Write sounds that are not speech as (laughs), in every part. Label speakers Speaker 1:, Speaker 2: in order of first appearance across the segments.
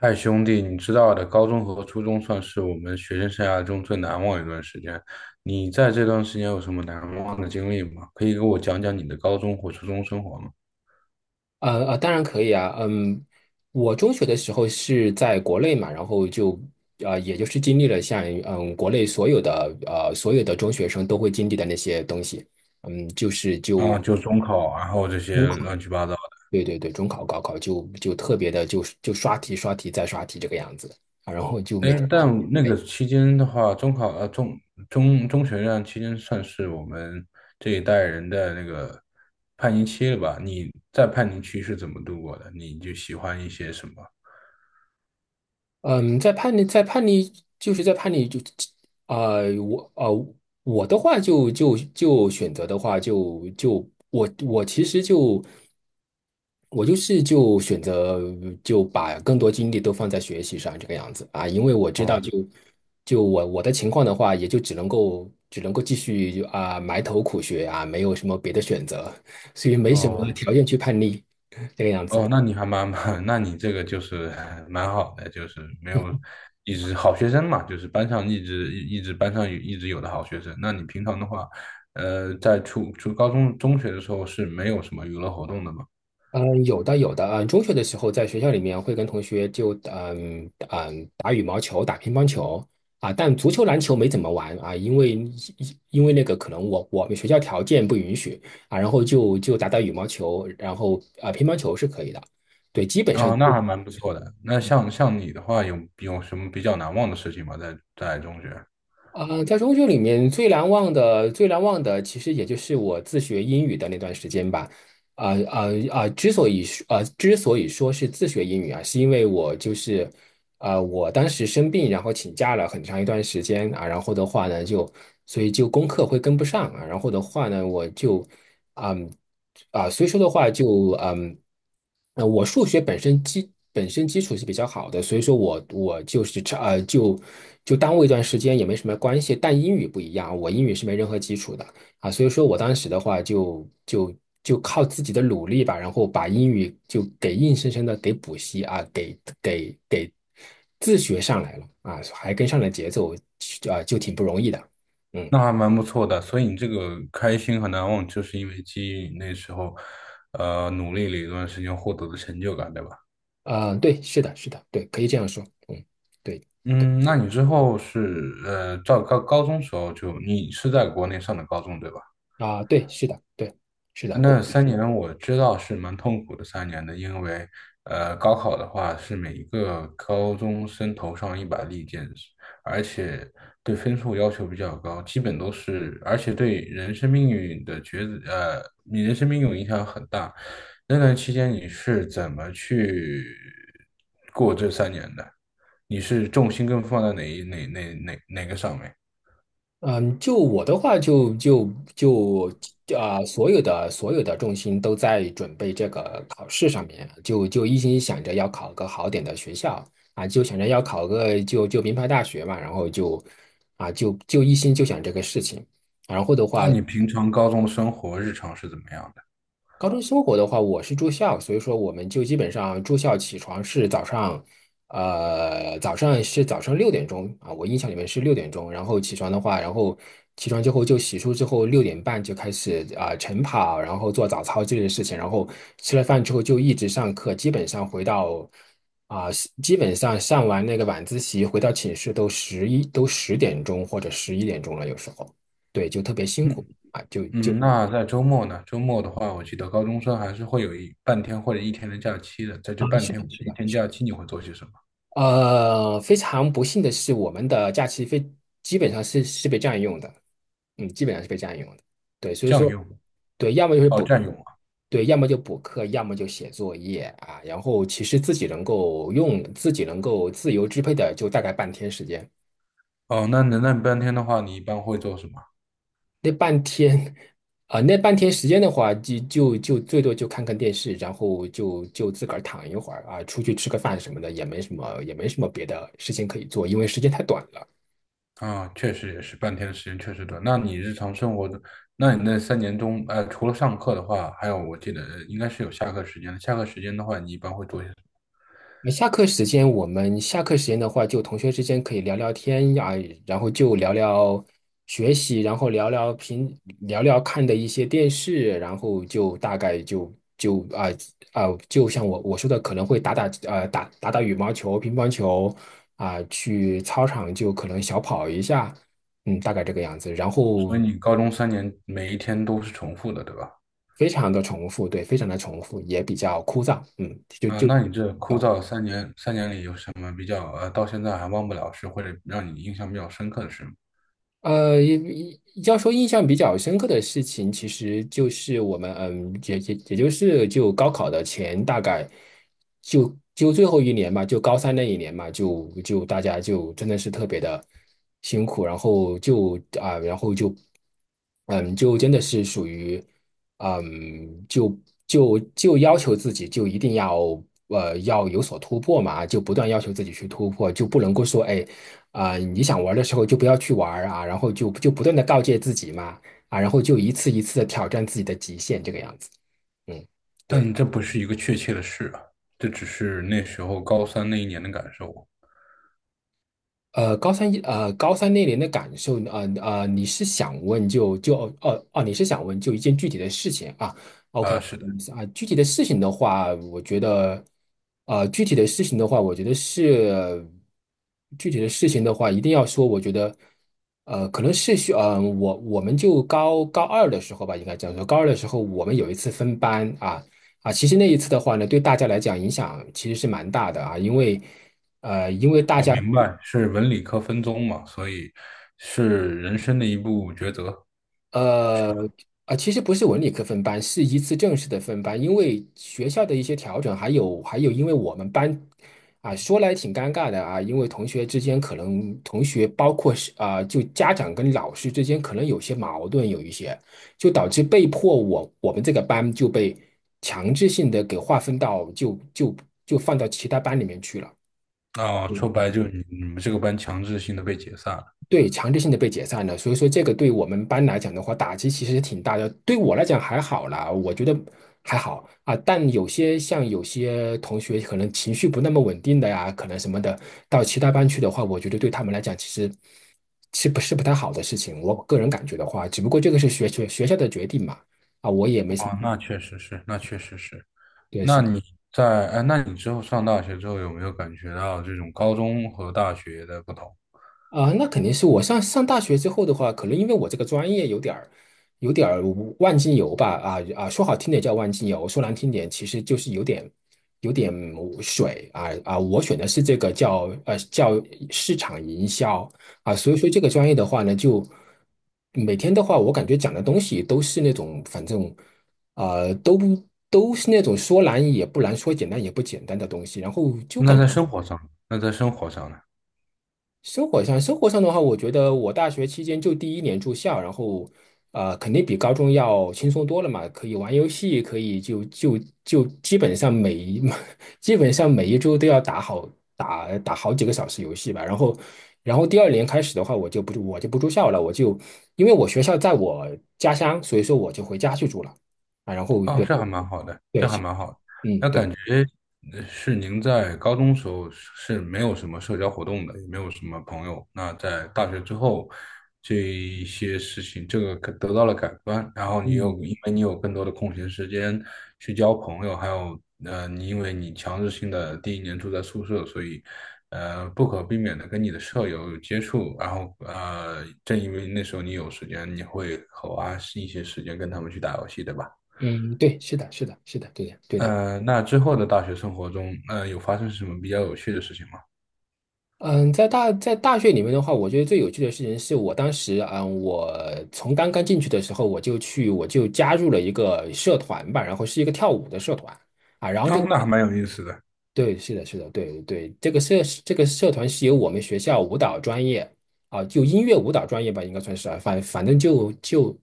Speaker 1: 嗨，兄弟，你知道的，高中和初中算是我们学生生涯中最难忘的一段时间。你在这段时间有什么难忘的经历吗？可以给我讲讲你的高中或初中生活吗？
Speaker 2: 当然可以啊。嗯，我中学的时候是在国内嘛，然后就也就是经历了像国内所有的所有的中学生都会经历的那些东西。嗯，就是
Speaker 1: 啊，
Speaker 2: 就
Speaker 1: 就中考，然后这
Speaker 2: 中
Speaker 1: 些
Speaker 2: 考，
Speaker 1: 乱七八糟的。
Speaker 2: 对对对，中考、高考就特别的刷题、刷题再刷题这个样子啊，然后就
Speaker 1: 哎，
Speaker 2: 每天。
Speaker 1: 但那个期间的话，中考呃中中中学那期间算是我们这一代人的那个叛逆期了吧？你在叛逆期是怎么度过的？你就喜欢一些什么？
Speaker 2: 嗯，在叛逆，在叛逆，就是在叛逆就，啊，我我的话就选择的话我其实就我就是选择就把更多精力都放在学习上这个样子啊，因为我知道
Speaker 1: 哦
Speaker 2: 就我的情况的话，也就只能够继续就埋头苦学啊，没有什么别的选择，所以没什么
Speaker 1: 哦。
Speaker 2: 条件去叛逆这个样子。
Speaker 1: 哦，那你还(laughs) 那你这个就是 (laughs) 蛮好的，就是没有一直好学生嘛，就是班上一直班上有一直有的好学生。那你平常的话，在初初高中中学的时候是没有什么娱乐活动的嘛？
Speaker 2: 嗯，有的有的。嗯，中学的时候在学校里面会跟同学就打羽毛球、打乒乓球啊，但足球、篮球没怎么玩啊，因为那个可能我们学校条件不允许啊，然后就打打羽毛球，然后啊乒乓球是可以的。对，基本
Speaker 1: 哦，那还蛮不错的。那像你的话，有什么比较难忘的事情吗？在中学？
Speaker 2: 啊，在中学里面最难忘的其实也就是我自学英语的那段时间吧。啊啊啊！之所以说啊，之所以说是自学英语啊，是因为我就是我当时生病，然后请假了很长一段时间啊，然后的话呢，就所以就功课会跟不上啊，然后的话呢，我就，嗯，所以说的话就，我数学本身基础是比较好的，所以说我就是差就耽误一段时间也没什么关系，但英语不一样，我英语是没任何基础的。啊，所以说我当时的话就靠自己的努力吧，然后把英语就给硬生生的给补习啊，给自学上来了啊，还跟上了节奏啊，就挺不容易的。嗯，
Speaker 1: 那还蛮不错的，所以你这个开心和难忘，就是因为基于你那时候，努力了一段时间获得的成就感，对吧？
Speaker 2: 啊，对，是的，是的，对，可以这样说。嗯，对对
Speaker 1: 嗯，那你之后是到高中时候就你是在国内上的高中对吧？
Speaker 2: 啊，对，是的，对，是的。过。
Speaker 1: 那三年我知道是蛮痛苦的三年的，因为高考的话是每一个高中生头上一把利剑，而且对分数要求比较高，基本都是，而且对人生命运的抉择，你人生命运影响很大。那段期间你是怎么去过这三年的？你是重心更放在哪一哪哪哪哪个上面？
Speaker 2: 嗯，就我的话就，就就啊、所有的重心都在准备这个考试上面，就一心想着要考个好点的学校啊，就想着要考个名牌大学嘛，然后就啊就一心就想这个事情，然后的话。
Speaker 1: 那你平常高中生活日常是怎么样的？
Speaker 2: 高中生活的话，我是住校，所以说我们就基本上住校起床是早上，早上是早上六点钟啊，我印象里面是六点钟，然后起床的话，然后起床之后就洗漱之后6点半就开始啊、晨跑，然后做早操之类的事情，然后吃了饭之后就一直上课，基本上回到啊、基本上上完那个晚自习回到寝室都10点钟或者11点钟了，有时候对，就特别辛苦啊，
Speaker 1: 嗯，那在周末呢？周末的话，我记得高中生还是会有一半天或者一天的假期的。在
Speaker 2: 啊，
Speaker 1: 这半
Speaker 2: 是
Speaker 1: 天
Speaker 2: 的，
Speaker 1: 或者
Speaker 2: 是
Speaker 1: 一
Speaker 2: 的。
Speaker 1: 天假期，你会做些什么？
Speaker 2: 呃，非常不幸的是，我们的假期非基本上是被占用的，嗯，基本上是被占用的。对，所以
Speaker 1: 占
Speaker 2: 说，
Speaker 1: 用？
Speaker 2: 对，要么就是
Speaker 1: 哦，
Speaker 2: 补，
Speaker 1: 占用啊。
Speaker 2: 对，要么就补课，要么就写作业啊。然后其实自己能够用，自己能够自由支配的，就大概半天时间。
Speaker 1: 哦，那你半天的话，你一般会做什么？
Speaker 2: 那半天，啊、那半天时间的话，就最多就看看电视，然后自个儿躺一会儿啊，出去吃个饭什么的，也没什么也没什么别的事情可以做，因为时间太短了。
Speaker 1: 啊，确实也是，半天的时间确实短。那你日常生活的，那你那三年中，除了上课的话，还有我记得应该是有下课时间的。下课时间的话，你一般会做些什么？
Speaker 2: 下课时间，我们下课时间的话，就同学之间可以聊聊天呀，然后就聊聊学习，然后聊聊看的一些电视，然后就大概就啊、就像我说的，可能会打打打羽毛球、乒乓球啊、去操场就可能小跑一下，嗯，大概这个样子。然后
Speaker 1: 所以你高中三年每一天都是重复的，对吧？
Speaker 2: 非常的重复。对，也比较枯燥，嗯，就
Speaker 1: 啊，
Speaker 2: 就。
Speaker 1: 那你这枯燥三年里有什么比较到现在还忘不了事，或者让你印象比较深刻的事吗？
Speaker 2: 呃，要说印象比较深刻的事情，其实就是我们，嗯，也也也就是就高考的前大概最后一年嘛，就高三那一年嘛，大家就真的是特别的辛苦，然后就啊、然后就就真的是属于嗯，就就要求自己就一定要要有所突破嘛，就不断要求自己去突破，就不能够说哎。啊、你想玩的时候就不要去玩啊，然后就不断的告诫自己嘛，啊，然后就一次一次的挑战自己的极限，这个样子。嗯，对。
Speaker 1: 但这不是一个确切的事啊，这只是那时候高三那一年的感受。
Speaker 2: 呃，高三那年的感受，你是想问哦哦，你是想问就一件具体的事情啊？OK
Speaker 1: 啊，
Speaker 2: 啊，
Speaker 1: 是的，
Speaker 2: 啊具体的事情的话，我觉得，呃，具体的事情的话，我觉得是具体的事情的话，一定要说，我觉得，呃，可能是需，呃，我们就高二的时候吧，应该这样说，高二的时候我们有一次分班啊啊，其实那一次的话呢，对大家来讲影响其实是蛮大的啊，因为。呃，因为大
Speaker 1: 我
Speaker 2: 家
Speaker 1: 明白是文理科分宗嘛，所以是人生的一步抉择。
Speaker 2: 呃，啊，其实不是文理科分班，是一次正式的分班，因为学校的一些调整，还有，因为我们班啊，说来挺尴尬的啊，因为同学之间可能同学包括是啊，就家长跟老师之间可能有些矛盾，有一些就导致被迫我们这个班就被强制性的给划分到就放到其他班里面去了。
Speaker 1: 啊，说白了就是你们这个班强制性的被解散了。
Speaker 2: 对，强制性的被解散了，所以说这个对我们班来讲的话，打击其实挺大的。对我来讲还好啦，我觉得还好啊。但有些像有些同学可能情绪不那么稳定的呀，可能什么的，到其他班去的话，我觉得对他们来讲其实是不是不太好的事情。我个人感觉的话，只不过这个是学校的决定嘛，啊，我也没什
Speaker 1: 哦，
Speaker 2: 么。
Speaker 1: 那确实是，那确实是。那你在，哎，那你之后上大学之后有没有感觉到这种高中和大学的不同？
Speaker 2: 啊，那肯定是我上大学之后的话，可能因为我这个专业有点儿，有点儿万金油吧，啊啊，说好听点叫万金油，说难听点其实就是有点有点水啊啊，我选的是这个叫市场营销啊，所以说这个专业的话呢，就每天的话，我感觉讲的东西都是那种反正呃都不都是那种说难也不难，说简单也不简单的东西，然后就
Speaker 1: 那
Speaker 2: 感。觉。
Speaker 1: 在生活上，那在生活上呢？
Speaker 2: 生活上，的话，我觉得我大学期间就第一年住校，然后，呃，肯定比高中要轻松多了嘛，可以玩游戏，可以就基本上每一 (laughs) 基本上每一周都要打好打好几个小时游戏吧。然后，然后第二年开始的话，我就不住校了，我就因为我学校在我家乡，所以说我就回家去住了啊。然后
Speaker 1: 哦，
Speaker 2: 对
Speaker 1: 这还蛮好的，
Speaker 2: 对
Speaker 1: 这还
Speaker 2: 是，
Speaker 1: 蛮好
Speaker 2: 嗯对，
Speaker 1: 呃是您在高中时候是没有什么社交活动的，也没有什么朋友。那在大学之后，这一些事情这个可得到了改观，然后你又
Speaker 2: 嗯
Speaker 1: 因为你有更多的空闲时间去交朋友，还有你因为你强制性的第一年住在宿舍，所以不可避免的跟你的舍友有接触，然后正因为那时候你有时间，你会花一些时间跟他们去打游戏，对吧？
Speaker 2: 嗯对，是的是的是的，对的对的。
Speaker 1: 那之后的大学生活中，有发生什么比较有趣的事情吗？
Speaker 2: 嗯，在大学里面的话，我觉得最有趣的事情是我当时，嗯，我从刚刚进去的时候，我就加入了一个社团吧，然后是一个跳舞的社团啊，然后这
Speaker 1: 哦，
Speaker 2: 个
Speaker 1: 那还蛮有意思的。
Speaker 2: 对，是的，是的，对对，这个社团是由我们学校舞蹈专业啊，就音乐舞蹈专业吧，应该算是啊，反正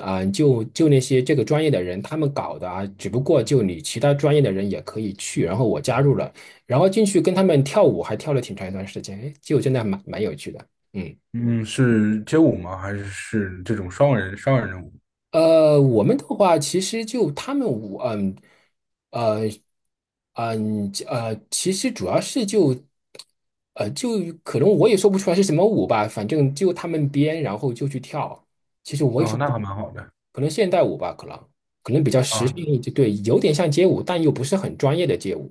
Speaker 2: 啊、那些这个专业的人他们搞的啊，只不过就你其他专业的人也可以去，然后我加入了，然后进去跟他们跳舞，还跳了挺长一段时间，哎，就真的蛮有趣的，嗯。
Speaker 1: 嗯，是街舞吗？还是这种双人的舞？
Speaker 2: 呃，我们的话，其实就他们舞，呃，其实主要是就，呃，就可能我也说不出来是什么舞吧，反正就他们编，然后就去跳。其实我也说
Speaker 1: 哦，
Speaker 2: 不，
Speaker 1: 那还蛮好的。
Speaker 2: 可能现代舞吧，可能比较时尚
Speaker 1: 啊
Speaker 2: 一点，对，有点像街舞，但又不是很专业的街舞。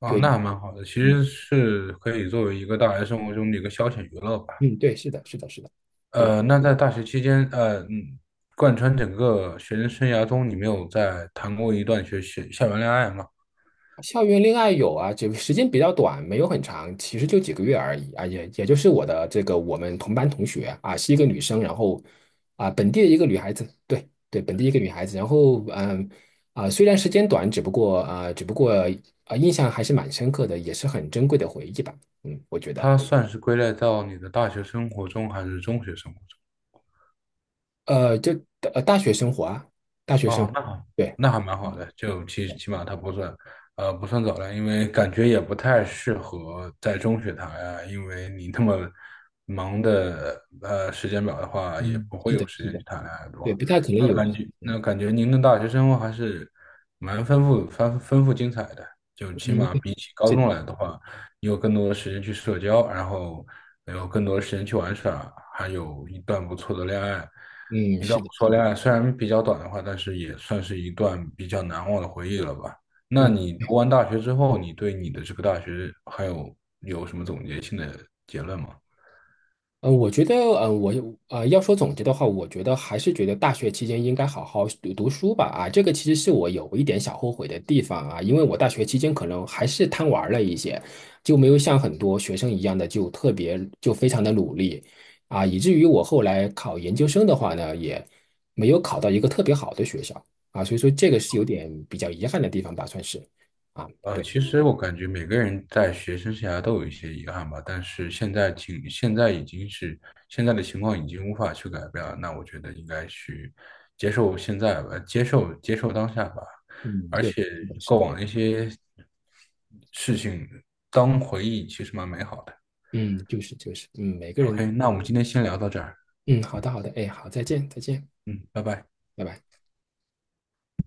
Speaker 1: 啊，
Speaker 2: 对，
Speaker 1: 那还蛮好的，其
Speaker 2: 嗯
Speaker 1: 实是可以作为一个大学生活中的一个消遣娱乐吧。
Speaker 2: 嗯，对，是的，是的，是的，对。
Speaker 1: 那在大学期间，贯穿整个学生生涯中，你没有在谈过一段校园恋爱吗？
Speaker 2: 校园恋爱有啊，只时间比较短，没有很长，其实就几个月而已啊，也就是我的这个我们同班同学啊，是一个女生，然后啊本地的一个女孩子，对对，本地一个女孩子，然后虽然时间短，只不过啊印象还是蛮深刻的，也是很珍贵的回忆吧，嗯，我觉得
Speaker 1: 它算是归类到你的大学生活中还是中学生活中？
Speaker 2: 呃就呃大学生活啊，大学生
Speaker 1: 哦，
Speaker 2: 活，
Speaker 1: 那好，
Speaker 2: 对，
Speaker 1: 那还蛮好
Speaker 2: 嗯
Speaker 1: 的，就起码它不算，不算早恋，因为感觉也不太适合在中学谈呀，因为你那么忙的时间表的话，也
Speaker 2: 嗯，
Speaker 1: 不会
Speaker 2: 是的，
Speaker 1: 有时
Speaker 2: 是
Speaker 1: 间去
Speaker 2: 的，
Speaker 1: 谈恋爱，对
Speaker 2: 对，
Speaker 1: 吧？
Speaker 2: 不太可能有，嗯
Speaker 1: 那感觉您的大学生活还是蛮丰富精彩的，就起
Speaker 2: 嗯，
Speaker 1: 码
Speaker 2: 对
Speaker 1: 比起高
Speaker 2: 是的，
Speaker 1: 中来的话。你有更多的时间去社交，然后有更多的时间去玩耍，还有一段不错的恋爱。
Speaker 2: 嗯
Speaker 1: 一段
Speaker 2: 是
Speaker 1: 不
Speaker 2: 的，
Speaker 1: 错
Speaker 2: 是的。
Speaker 1: 恋爱虽然比较短的话，但是也算是一段比较难忘的回忆了吧。那
Speaker 2: 嗯。
Speaker 1: 你读完大学之后，你对你的这个大学还有什么总结性的结论吗？
Speaker 2: 呃，我觉得，嗯，要说总结的话，我觉得还是觉得大学期间应该好好读书吧。啊，这个其实是我有一点小后悔的地方啊，因为我大学期间可能还是贪玩了一些，就没有像很多学生一样的就特别就非常的努力啊，以至于我后来考研究生的话呢，也没有考到一个特别好的学校啊，所以说这个是有点比较遗憾的地方吧，算是啊，对，
Speaker 1: 其实我感觉每个人在学生生涯都有一些遗憾吧，但是现在的情况已经无法去改变了，那我觉得应该去接受现在吧，接受当下吧，
Speaker 2: 嗯，
Speaker 1: 而
Speaker 2: 对，
Speaker 1: 且
Speaker 2: 是的，是
Speaker 1: 过
Speaker 2: 的，
Speaker 1: 往的一些事情当回忆其实蛮美好的。
Speaker 2: 嗯，就是，嗯，每个人。
Speaker 1: OK，那我们今天先聊到这儿，
Speaker 2: 嗯，好的，好的，哎，好，再见，再见，
Speaker 1: 嗯，拜拜。
Speaker 2: 拜拜。